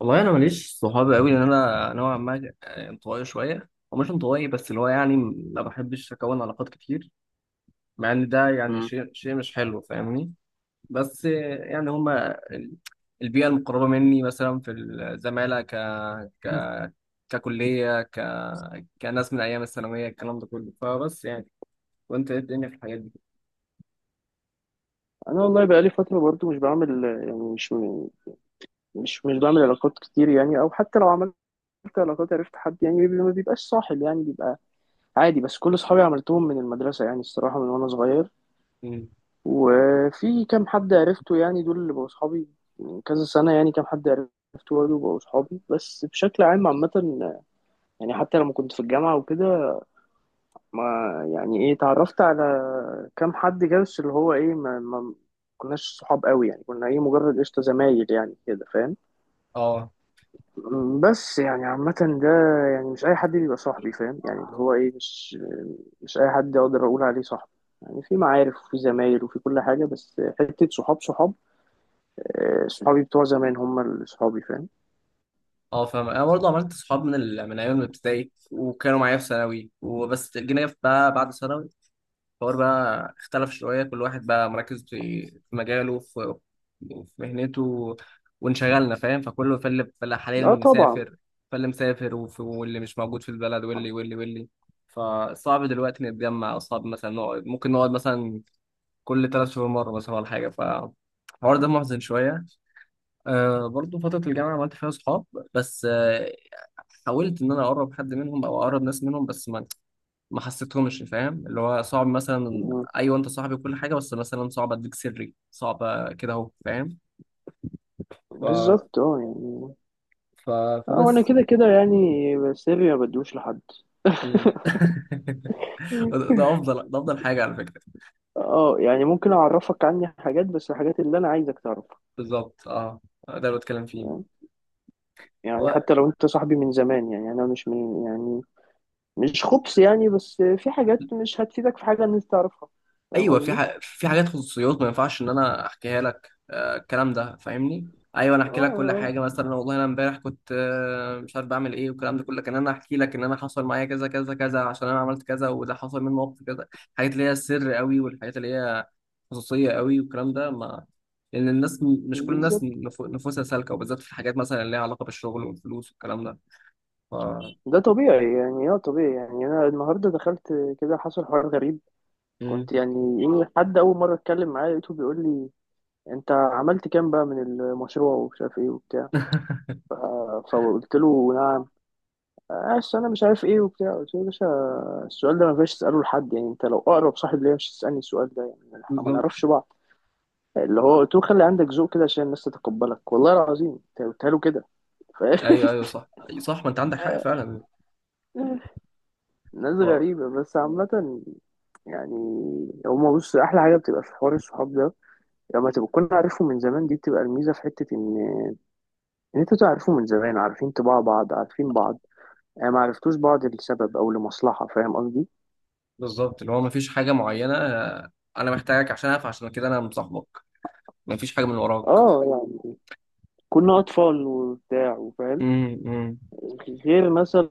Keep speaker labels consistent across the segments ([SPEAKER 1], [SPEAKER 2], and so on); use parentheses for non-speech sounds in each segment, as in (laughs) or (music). [SPEAKER 1] والله انا ماليش صحاب قوي، لان انا نوعا ما انطوائي شويه، ومش انطوائي بس اللي هو يعني ما بحبش اكون علاقات كتير، مع ان ده يعني
[SPEAKER 2] مم.
[SPEAKER 1] شيء مش حلو، فاهمني؟ بس يعني هما البيئه المقربه مني، مثلا في الزماله ك ك ككليه، كناس من ايام الثانويه، الكلام ده كله. فبس يعني، وانت ايه الدنيا في الحاجات دي؟
[SPEAKER 2] انا والله بقالي فتره برضو مش بعمل، يعني مش بعمل علاقات كتير. يعني او حتى لو عملت علاقات عرفت حد، يعني ما بيبقاش صاحب، يعني بيبقى عادي. بس كل اصحابي عملتهم من المدرسه، يعني الصراحه من وانا صغير.
[SPEAKER 1] مم.
[SPEAKER 2] وفي كام حد عرفته، يعني دول اللي بقوا صحابي من كذا سنه. يعني كام حد عرفته برضه بقوا صحابي، بس بشكل عام عامه يعني. حتى لما كنت في الجامعه وكده، ما يعني ايه اتعرفت على كام حد كده. بس اللي هو ايه، ما كناش صحاب قوي. يعني كنا ايه مجرد قشطة زمايل يعني كده، فاهم؟
[SPEAKER 1] اه،
[SPEAKER 2] بس يعني عامة ده، يعني مش أي حد بيبقى صاحبي، فاهم؟ يعني اللي هو ايه، مش أي حد أقدر أقول عليه صاحبي. يعني في معارف وفي زمايل وفي كل حاجة، بس حتة صحاب صحاب، صحابي بتوع زمان هم اللي صحابي، فاهم؟
[SPEAKER 1] اه فاهم. انا برضه عملت صحاب من ايام الابتدائي، وكانوا معايا في ثانوي، وبس جينا بقى بعد ثانوي الحوار بقى اختلف شوية، كل واحد بقى مركز في مجاله، في مهنته، وانشغلنا، فاهم؟ فكله، فاللي حاليا
[SPEAKER 2] اه طبعا.
[SPEAKER 1] مسافر، فاللي مسافر، واللي مش موجود في البلد، واللي. فصعب دلوقتي نتجمع، أو صعب مثلا نقعد، ممكن نقعد مثلا كل 3 شهور مرة مثلا، ولا حاجة. فالحوار ده محزن شوية. أه، برضه فترة الجامعة عملت فيها صحاب، بس أه، حاولت إن أنا أقرب حد منهم، أو أقرب ناس منهم، بس ما حسيتهمش، فاهم؟ اللي هو صعب مثلا،
[SPEAKER 2] م،
[SPEAKER 1] ايوه انت صاحبي وكل حاجه، بس مثلا صعب اديك سري، صعب كده اهو، فاهم؟ ف...
[SPEAKER 2] بالظبط، اه يعني.
[SPEAKER 1] ف...
[SPEAKER 2] اه وانا
[SPEAKER 1] فبس.
[SPEAKER 2] كده كده، يعني سري ما بدوش لحد.
[SPEAKER 1] مم. (laughs) ده
[SPEAKER 2] (laughs)
[SPEAKER 1] ده افضل ده افضل حاجه على فكره.
[SPEAKER 2] اه، يعني ممكن اعرفك عني حاجات، بس الحاجات اللي انا عايزك تعرفها.
[SPEAKER 1] بالظبط، اه. ده اللي بتكلم فيه.
[SPEAKER 2] تمام؟ يعني حتى لو انت صاحبي من زمان، يعني انا مش من يعني، مش خبص يعني، بس في حاجات مش هتفيدك في حاجه ان انت تعرفها، فاهم
[SPEAKER 1] ايوه،
[SPEAKER 2] قصدي؟
[SPEAKER 1] في حاجات خصوصيات ما ينفعش ان انا احكيها لك، آه، الكلام ده فاهمني؟ ايوه، انا
[SPEAKER 2] اه
[SPEAKER 1] احكي لك كل
[SPEAKER 2] آه،
[SPEAKER 1] حاجه، مثلا والله انا امبارح كنت آه مش عارف بعمل ايه، والكلام ده كله، كان انا احكي لك ان انا حصل معايا كذا كذا كذا عشان انا عملت كذا، وده حصل مني موقف كذا. الحاجات اللي هي السر قوي، والحاجات اللي هي خصوصيه قوي، والكلام ده ما، لان الناس مش كل الناس
[SPEAKER 2] بالظبط.
[SPEAKER 1] نفوسها سالكه، وبالذات في الحاجات مثلا اللي ليها علاقه بالشغل والفلوس والكلام ده. ف...
[SPEAKER 2] ده طبيعي يعني، اه طبيعي. يعني انا النهارده دخلت كده حصل حوار غريب.
[SPEAKER 1] مم.
[SPEAKER 2] كنت يعني إيه، حد اول مره اتكلم معاه لقيته بيقول لي، انت عملت كام بقى من المشروع ومش عارف ايه وبتاع.
[SPEAKER 1] (laughs)
[SPEAKER 2] ف- فقلت له نعم؟ اصل انا مش عارف ايه وبتاع. قلت له يا باشا، السؤال ده ما ينفعش تساله لحد، يعني انت لو اقرب صاحب ليا مش تسالني السؤال ده، يعني احنا ما
[SPEAKER 1] بالظبط.
[SPEAKER 2] نعرفش بعض. اللي هو قلت له خلي عندك ذوق كده عشان الناس تتقبلك. والله العظيم انت قلت له كده، فاهم؟
[SPEAKER 1] ايوه، ايوه، صح، صح. ما انت عندك حق فعلا.
[SPEAKER 2] (laughs) ناس غريبه، بس عامه يعني. هما بص، احلى حاجه بتبقى في حوار الصحاب ده لما تبقى تكون عارفهم من زمان، دي بتبقى الميزه، في حته ان انتوا تعرفوا من زمان، عارفين طباع بعض، عارفين بعض. ما عرفتوش بعض لسبب او لمصلحه، فاهم قصدي؟
[SPEAKER 1] بالظبط، اللي هو مفيش حاجة معينة، آه، أنا محتاجك عشان أعرف، عشان كده أنا مصاحبك، مفيش حاجة من وراك.
[SPEAKER 2] اه، يعني كنا أطفال وبتاع، وفاهم.
[SPEAKER 1] امم، امم.
[SPEAKER 2] غير مثلا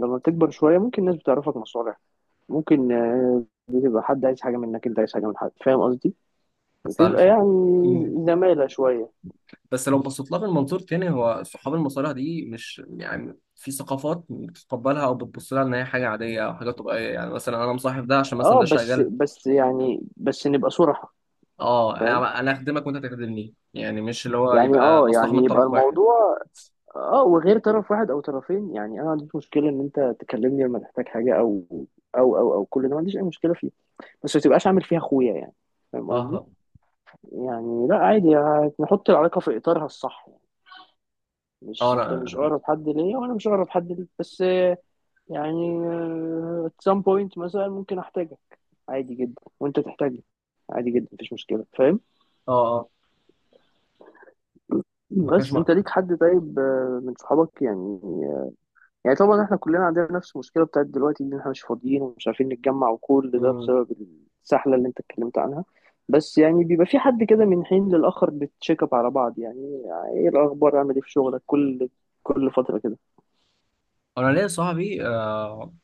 [SPEAKER 2] لما تكبر شوية ممكن الناس بتعرفك مصالح. ممكن بتبقى حد عايز حاجة منك، أنت عايز حاجة من حد، فاهم قصدي؟
[SPEAKER 1] بس
[SPEAKER 2] بتبقى
[SPEAKER 1] عارف.
[SPEAKER 2] يعني
[SPEAKER 1] مم.
[SPEAKER 2] زمالة شوية.
[SPEAKER 1] بس لو بصيت لها من منظور تاني، هو صحاب المصالح دي مش يعني، في ثقافات بتتقبلها او بتبص لها ان هي حاجه عاديه او حاجه طبيعيه، يعني مثلا انا مصاحب ده عشان مثلا
[SPEAKER 2] اه
[SPEAKER 1] ده
[SPEAKER 2] بس
[SPEAKER 1] شغال.
[SPEAKER 2] بس يعني بس نبقى صراحة،
[SPEAKER 1] اه،
[SPEAKER 2] فاهم؟
[SPEAKER 1] انا اخدمك وانت تخدمني، يعني مش اللي هو
[SPEAKER 2] يعني
[SPEAKER 1] يبقى
[SPEAKER 2] اه،
[SPEAKER 1] مصلحه من
[SPEAKER 2] يعني يبقى
[SPEAKER 1] طرف واحد.
[SPEAKER 2] الموضوع اه، وغير طرف واحد او طرفين. يعني انا ما عنديش مشكله ان انت تكلمني لما تحتاج حاجه، او كل ده ما عنديش اي مشكله فيه، بس ما تبقاش عامل فيها اخويا يعني، فاهم قصدي؟
[SPEAKER 1] اه،
[SPEAKER 2] يعني لا عادي، يعني نحط العلاقة في إطارها الصح يعني.
[SPEAKER 1] اه،
[SPEAKER 2] مش انت
[SPEAKER 1] انا،
[SPEAKER 2] مش اقرب حد ليا، وانا مش اقرب حد ليك، بس يعني at some point مثلا ممكن احتاجك، عادي جدا، وانت تحتاجني عادي جدا، مفيش مشكلة، فاهم؟
[SPEAKER 1] اه، اه، ما كانش
[SPEAKER 2] بس
[SPEAKER 1] مع.
[SPEAKER 2] انت ليك حد طيب، من صحابك؟ يعني، يعني طبعا احنا كلنا عندنا نفس المشكله بتاعت دلوقتي، ان احنا مش فاضيين ومش عارفين نتجمع، وكل ده
[SPEAKER 1] مم.
[SPEAKER 2] بسبب السحله اللي انت اتكلمت عنها. بس يعني بيبقى في حد كده من حين للاخر بتشيك اب على بعض. يعني ايه الاخبار، عامل ايه في شغلك، كل فتره كده.
[SPEAKER 1] انا ليا صاحبي آه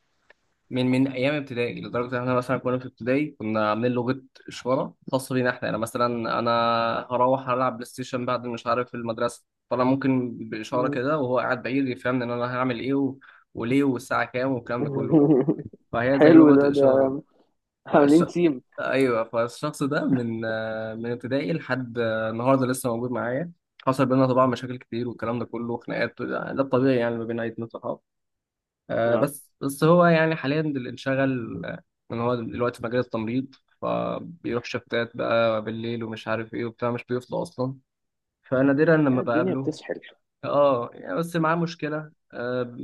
[SPEAKER 1] من ايام ابتدائي، لدرجه ان احنا مثلا كنا في ابتدائي كنا عاملين لغه اشاره خاصه بينا احنا، يعني مثلا انا هروح العب بلاي ستيشن بعد مش عارف المدرسه، فانا ممكن باشاره
[SPEAKER 2] مم.
[SPEAKER 1] كده وهو قاعد بعيد يفهمني ان انا هعمل ايه، وليه، والساعه كام، والكلام ده كله.
[SPEAKER 2] (laughs)
[SPEAKER 1] فهي زي
[SPEAKER 2] حلو. ده
[SPEAKER 1] لغه
[SPEAKER 2] ده
[SPEAKER 1] اشاره. فالش...
[SPEAKER 2] عاملين تيم.
[SPEAKER 1] ايوه، فالشخص ده من آه من ابتدائي لحد آه النهارده لسه موجود معايا. حصل بينا طبعا مشاكل كتير والكلام ده كله، وخناقات، ده الطبيعي يعني ما بين اي 2 صحاب. آه،
[SPEAKER 2] اه،
[SPEAKER 1] بس هو يعني حاليا اللي انشغل، آه، ان هو دلوقتي في مجال التمريض، فبيروح شفتات بقى بالليل ومش عارف ايه وبتاع، مش بيفضى اصلا، فنادرا
[SPEAKER 2] يا
[SPEAKER 1] لما
[SPEAKER 2] الدنيا
[SPEAKER 1] بقابله.
[SPEAKER 2] بتسحل.
[SPEAKER 1] اه، يعني بس معاه مشكله آه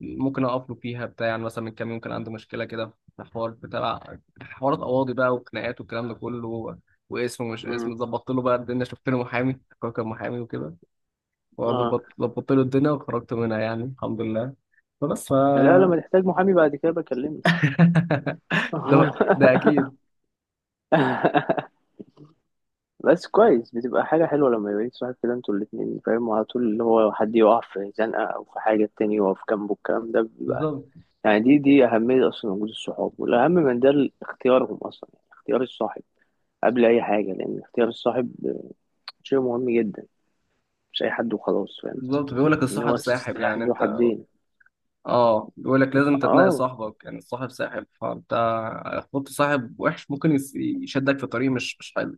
[SPEAKER 1] ممكن اقف له فيها بتاع، يعني مثلا من كام يوم كان عنده مشكله كده، في حوار بتاع، حوارات قواضي بقى وخناقات والكلام ده كله، واسمه مش
[SPEAKER 2] امم.
[SPEAKER 1] اسمه، ظبطت له بقى الدنيا، شفت له محامي، هو كان محامي وكده،
[SPEAKER 2] اه،
[SPEAKER 1] وظبطت له الدنيا وخرجت منها، يعني الحمد لله. فبس ف.
[SPEAKER 2] لا لما تحتاج محامي بعد كده بكلمني.
[SPEAKER 1] (laughs) ده، ده اكيد.
[SPEAKER 2] (laughs) بس كويس بتبقى حاجة حلوة لما يبقى ليك صاحب كده انتوا الاتنين، فاهم على طول اللي هو حد يقع في زنقة أو في حاجة التاني يقف جنبه، الكلام ده بيبقى
[SPEAKER 1] بالظبط.
[SPEAKER 2] يعني دي أهمية أصلا وجود الصحاب. والأهم من ده اختيارهم أصلا، يعني اختيار الصاحب قبل أي حاجة، لأن اختيار الصاحب شيء مهم جدا. مش أي حد وخلاص، فاهم؟
[SPEAKER 1] بالظبط. بيقول لك
[SPEAKER 2] إن
[SPEAKER 1] الصاحب
[SPEAKER 2] هو
[SPEAKER 1] ساحب،
[SPEAKER 2] سلاح
[SPEAKER 1] يعني
[SPEAKER 2] ذو
[SPEAKER 1] انت،
[SPEAKER 2] حدين.
[SPEAKER 1] اه، بيقول لك لازم انت تنقي
[SPEAKER 2] اه
[SPEAKER 1] صاحبك، يعني الصاحب ساحب، فانت هتحط صاحب وحش ممكن يشدك في طريق مش حلو،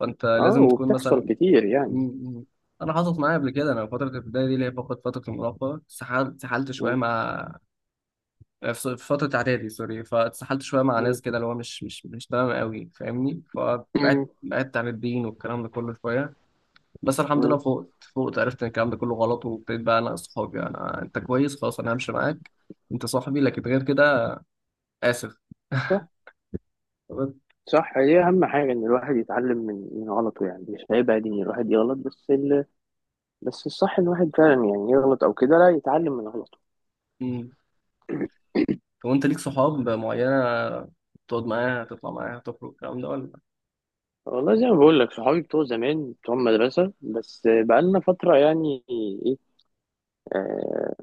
[SPEAKER 1] فانت
[SPEAKER 2] اه،
[SPEAKER 1] لازم تكون
[SPEAKER 2] وبتحصل
[SPEAKER 1] مثلا.
[SPEAKER 2] كتير
[SPEAKER 1] م-
[SPEAKER 2] يعني.
[SPEAKER 1] م. انا حصلت معايا قبل كده، انا في فتره الابتدائي دي اللي هي فقط فتره المراهقه، اتسحلت شويه
[SPEAKER 2] م-
[SPEAKER 1] مع آه في فتره اعدادي، سوري، فاتسحلت شويه مع
[SPEAKER 2] م-
[SPEAKER 1] ناس كده اللي هو مش تمام قوي، فاهمني؟ فبعدت
[SPEAKER 2] م-
[SPEAKER 1] بعدت عن الدين والكلام ده كله شويه. بس الحمد
[SPEAKER 2] م.
[SPEAKER 1] لله فوقت عرفت ان الكلام ده كله غلط، وابتديت بقى انا اصحابي انا، انت كويس خلاص انا همشي معاك، انت صاحبي، لكن غير كده. اسف.
[SPEAKER 2] صح،
[SPEAKER 1] طب.
[SPEAKER 2] صح، هي أهم حاجة إن الواحد يتعلم من غلطه. يعني مش عيب عادي إن الواحد يغلط، بس الصح ان الواحد فعلا، يعني يغلط او كده، لا يتعلم من غلطه.
[SPEAKER 1] مم. طب انت ليك صحاب معينه تقعد معاها تطلع معاها تخرج الكلام ده، ولا؟
[SPEAKER 2] والله زي ما بقول لك، صحابي بتوع زمان بتوع المدرسه، بس بقالنا فتره يعني ايه، آه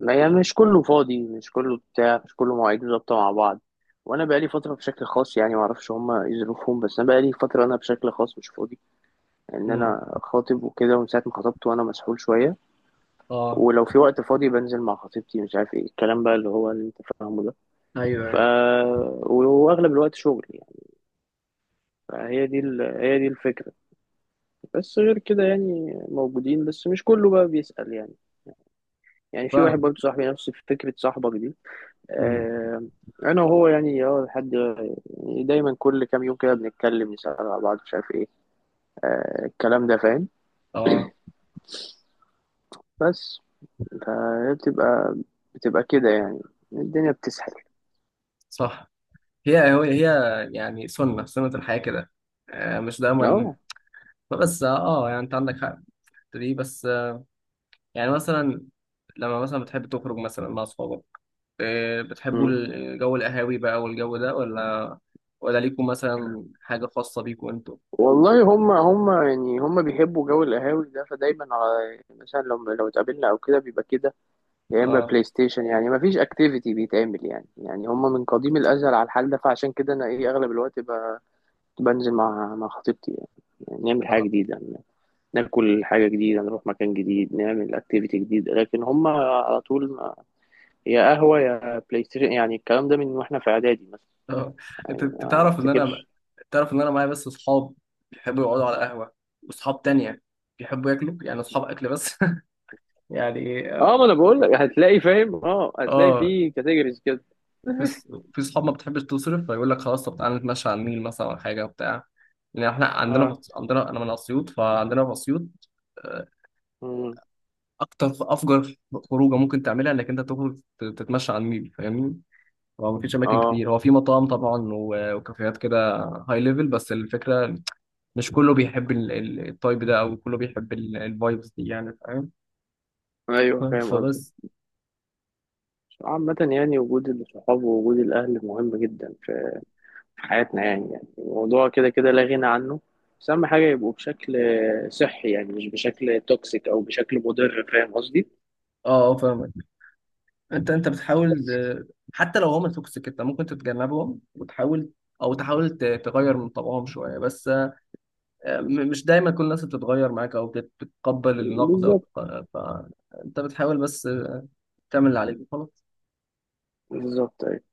[SPEAKER 2] ما يعني مش كله فاضي، مش كله بتاع، مش كله مواعيده ظابطه مع بعض. وانا بقالي فتره بشكل خاص، يعني ما اعرفش هما ايه ظروفهم، بس انا بقالي فتره انا بشكل خاص مش فاضي. يعني ان
[SPEAKER 1] مم.
[SPEAKER 2] انا خاطب وكده، ومن ساعه ما خطبت وانا مسحول شويه.
[SPEAKER 1] اه.
[SPEAKER 2] ولو في وقت فاضي بنزل مع خطيبتي، مش عارف ايه الكلام بقى اللي هو اللي انت فاهمه ده.
[SPEAKER 1] ايوه،
[SPEAKER 2] ف
[SPEAKER 1] يعني
[SPEAKER 2] واغلب الوقت شغل يعني. فهي دي هي دي الفكرة. بس غير كده يعني موجودين، بس مش كله بقى بيسأل يعني. يعني في واحد
[SPEAKER 1] فاهم.
[SPEAKER 2] برضه صاحبي نفس فكرة صاحبك دي.
[SPEAKER 1] مم.
[SPEAKER 2] آه... أنا وهو يعني اه لحد، يعني دايما كل كام يوم كده بنتكلم نسأل على بعض مش عارف ايه. الكلام ده، فاهم؟
[SPEAKER 1] اه،
[SPEAKER 2] بس فهي بتبقى كده يعني، الدنيا بتسحل.
[SPEAKER 1] صح. هي يعني سنه سنه الحياه كده، آه، مش دايما،
[SPEAKER 2] اه.
[SPEAKER 1] بس اه، يعني انت عندك حق في الحتة دي، بس آه، يعني مثلا لما مثلا بتحب تخرج مثلا مع اصحابك، إيه، بتحبوا
[SPEAKER 2] مم.
[SPEAKER 1] الجو القهاوي بقى والجو ده، ولا؟ ولا ليكم مثلا حاجة خاصة بيكم انتوا؟
[SPEAKER 2] والله هم بيحبوا جو القهاوي ده، فدايما على مثلا لو اتقابلنا او كده بيبقى كده، يا اما
[SPEAKER 1] اه،
[SPEAKER 2] بلاي ستيشن. يعني ما فيش اكتيفيتي بيتعمل يعني، يعني هم من قديم الازل على الحال ده. فعشان كده انا ايه اغلب الوقت بنزل مع خطيبتي يعني. يعني نعمل حاجه
[SPEAKER 1] اه،
[SPEAKER 2] جديده، ناكل حاجه جديده، نروح مكان جديد، نعمل اكتيفيتي جديد. لكن هم على طول يا قهوه يا بلاي ستيشن. يعني الكلام ده من واحنا في اعدادي مثلا،
[SPEAKER 1] آه. انت
[SPEAKER 2] يعني
[SPEAKER 1] أنت
[SPEAKER 2] ما
[SPEAKER 1] تعرف ان انا،
[SPEAKER 2] افتكرش.
[SPEAKER 1] تعرف ان انا معايا بس اصحاب بيحبوا يقعدوا على قهوة، واصحاب تانية بيحبوا ياكلوا، يعني اصحاب اكل بس. (laughs) يعني اه،
[SPEAKER 2] اه، ما انا بقول لك هتلاقي، فاهم، اه هتلاقي
[SPEAKER 1] آه،
[SPEAKER 2] في كاتيجوريز كده.
[SPEAKER 1] في ص- في صحاب ما بتحبش تصرف، فيقول لك خلاص، طب تعالى نتمشى على النيل مثلا ولا حاجة، بتاع. لان احنا عندنا
[SPEAKER 2] اه.
[SPEAKER 1] عندنا، انا من اسيوط، فعندنا في اسيوط، آه،
[SPEAKER 2] مم.
[SPEAKER 1] اكتر افجر خروجه ممكن تعملها انك انت تخرج تتمشى على النيل، فاهمني؟ هو مفيش اماكن
[SPEAKER 2] اه
[SPEAKER 1] كتير، هو في مطاعم طبعا وكافيهات كده هاي ليفل، بس الفكره مش كله بيحب ال- ال- التايب ده، او كله بيحب الفايبس دي يعني، فاهم؟ (laughs)
[SPEAKER 2] ايوه فاهم قصدك.
[SPEAKER 1] فبس.
[SPEAKER 2] عامة يعني وجود الصحاب ووجود الأهل مهم جدا في حياتنا يعني، يعني الموضوع كده كده لا غنى عنه. بس أهم حاجة يبقوا بشكل صحي، يعني مش بشكل توكسيك أو بشكل مضر، فاهم قصدي؟
[SPEAKER 1] اه، آه، فاهمك. انت بتحاول آه، حتى لو هما توكسيك انت ممكن تتجنبهم وتحاول، او تحاول تغير من طبعهم شويه، بس مش دايما كل الناس بتتغير معاك او بتتقبل النقد، او
[SPEAKER 2] بالظبط،
[SPEAKER 1] فانت بتحاول بس تعمل اللي عليك وخلاص.
[SPEAKER 2] بالظبط.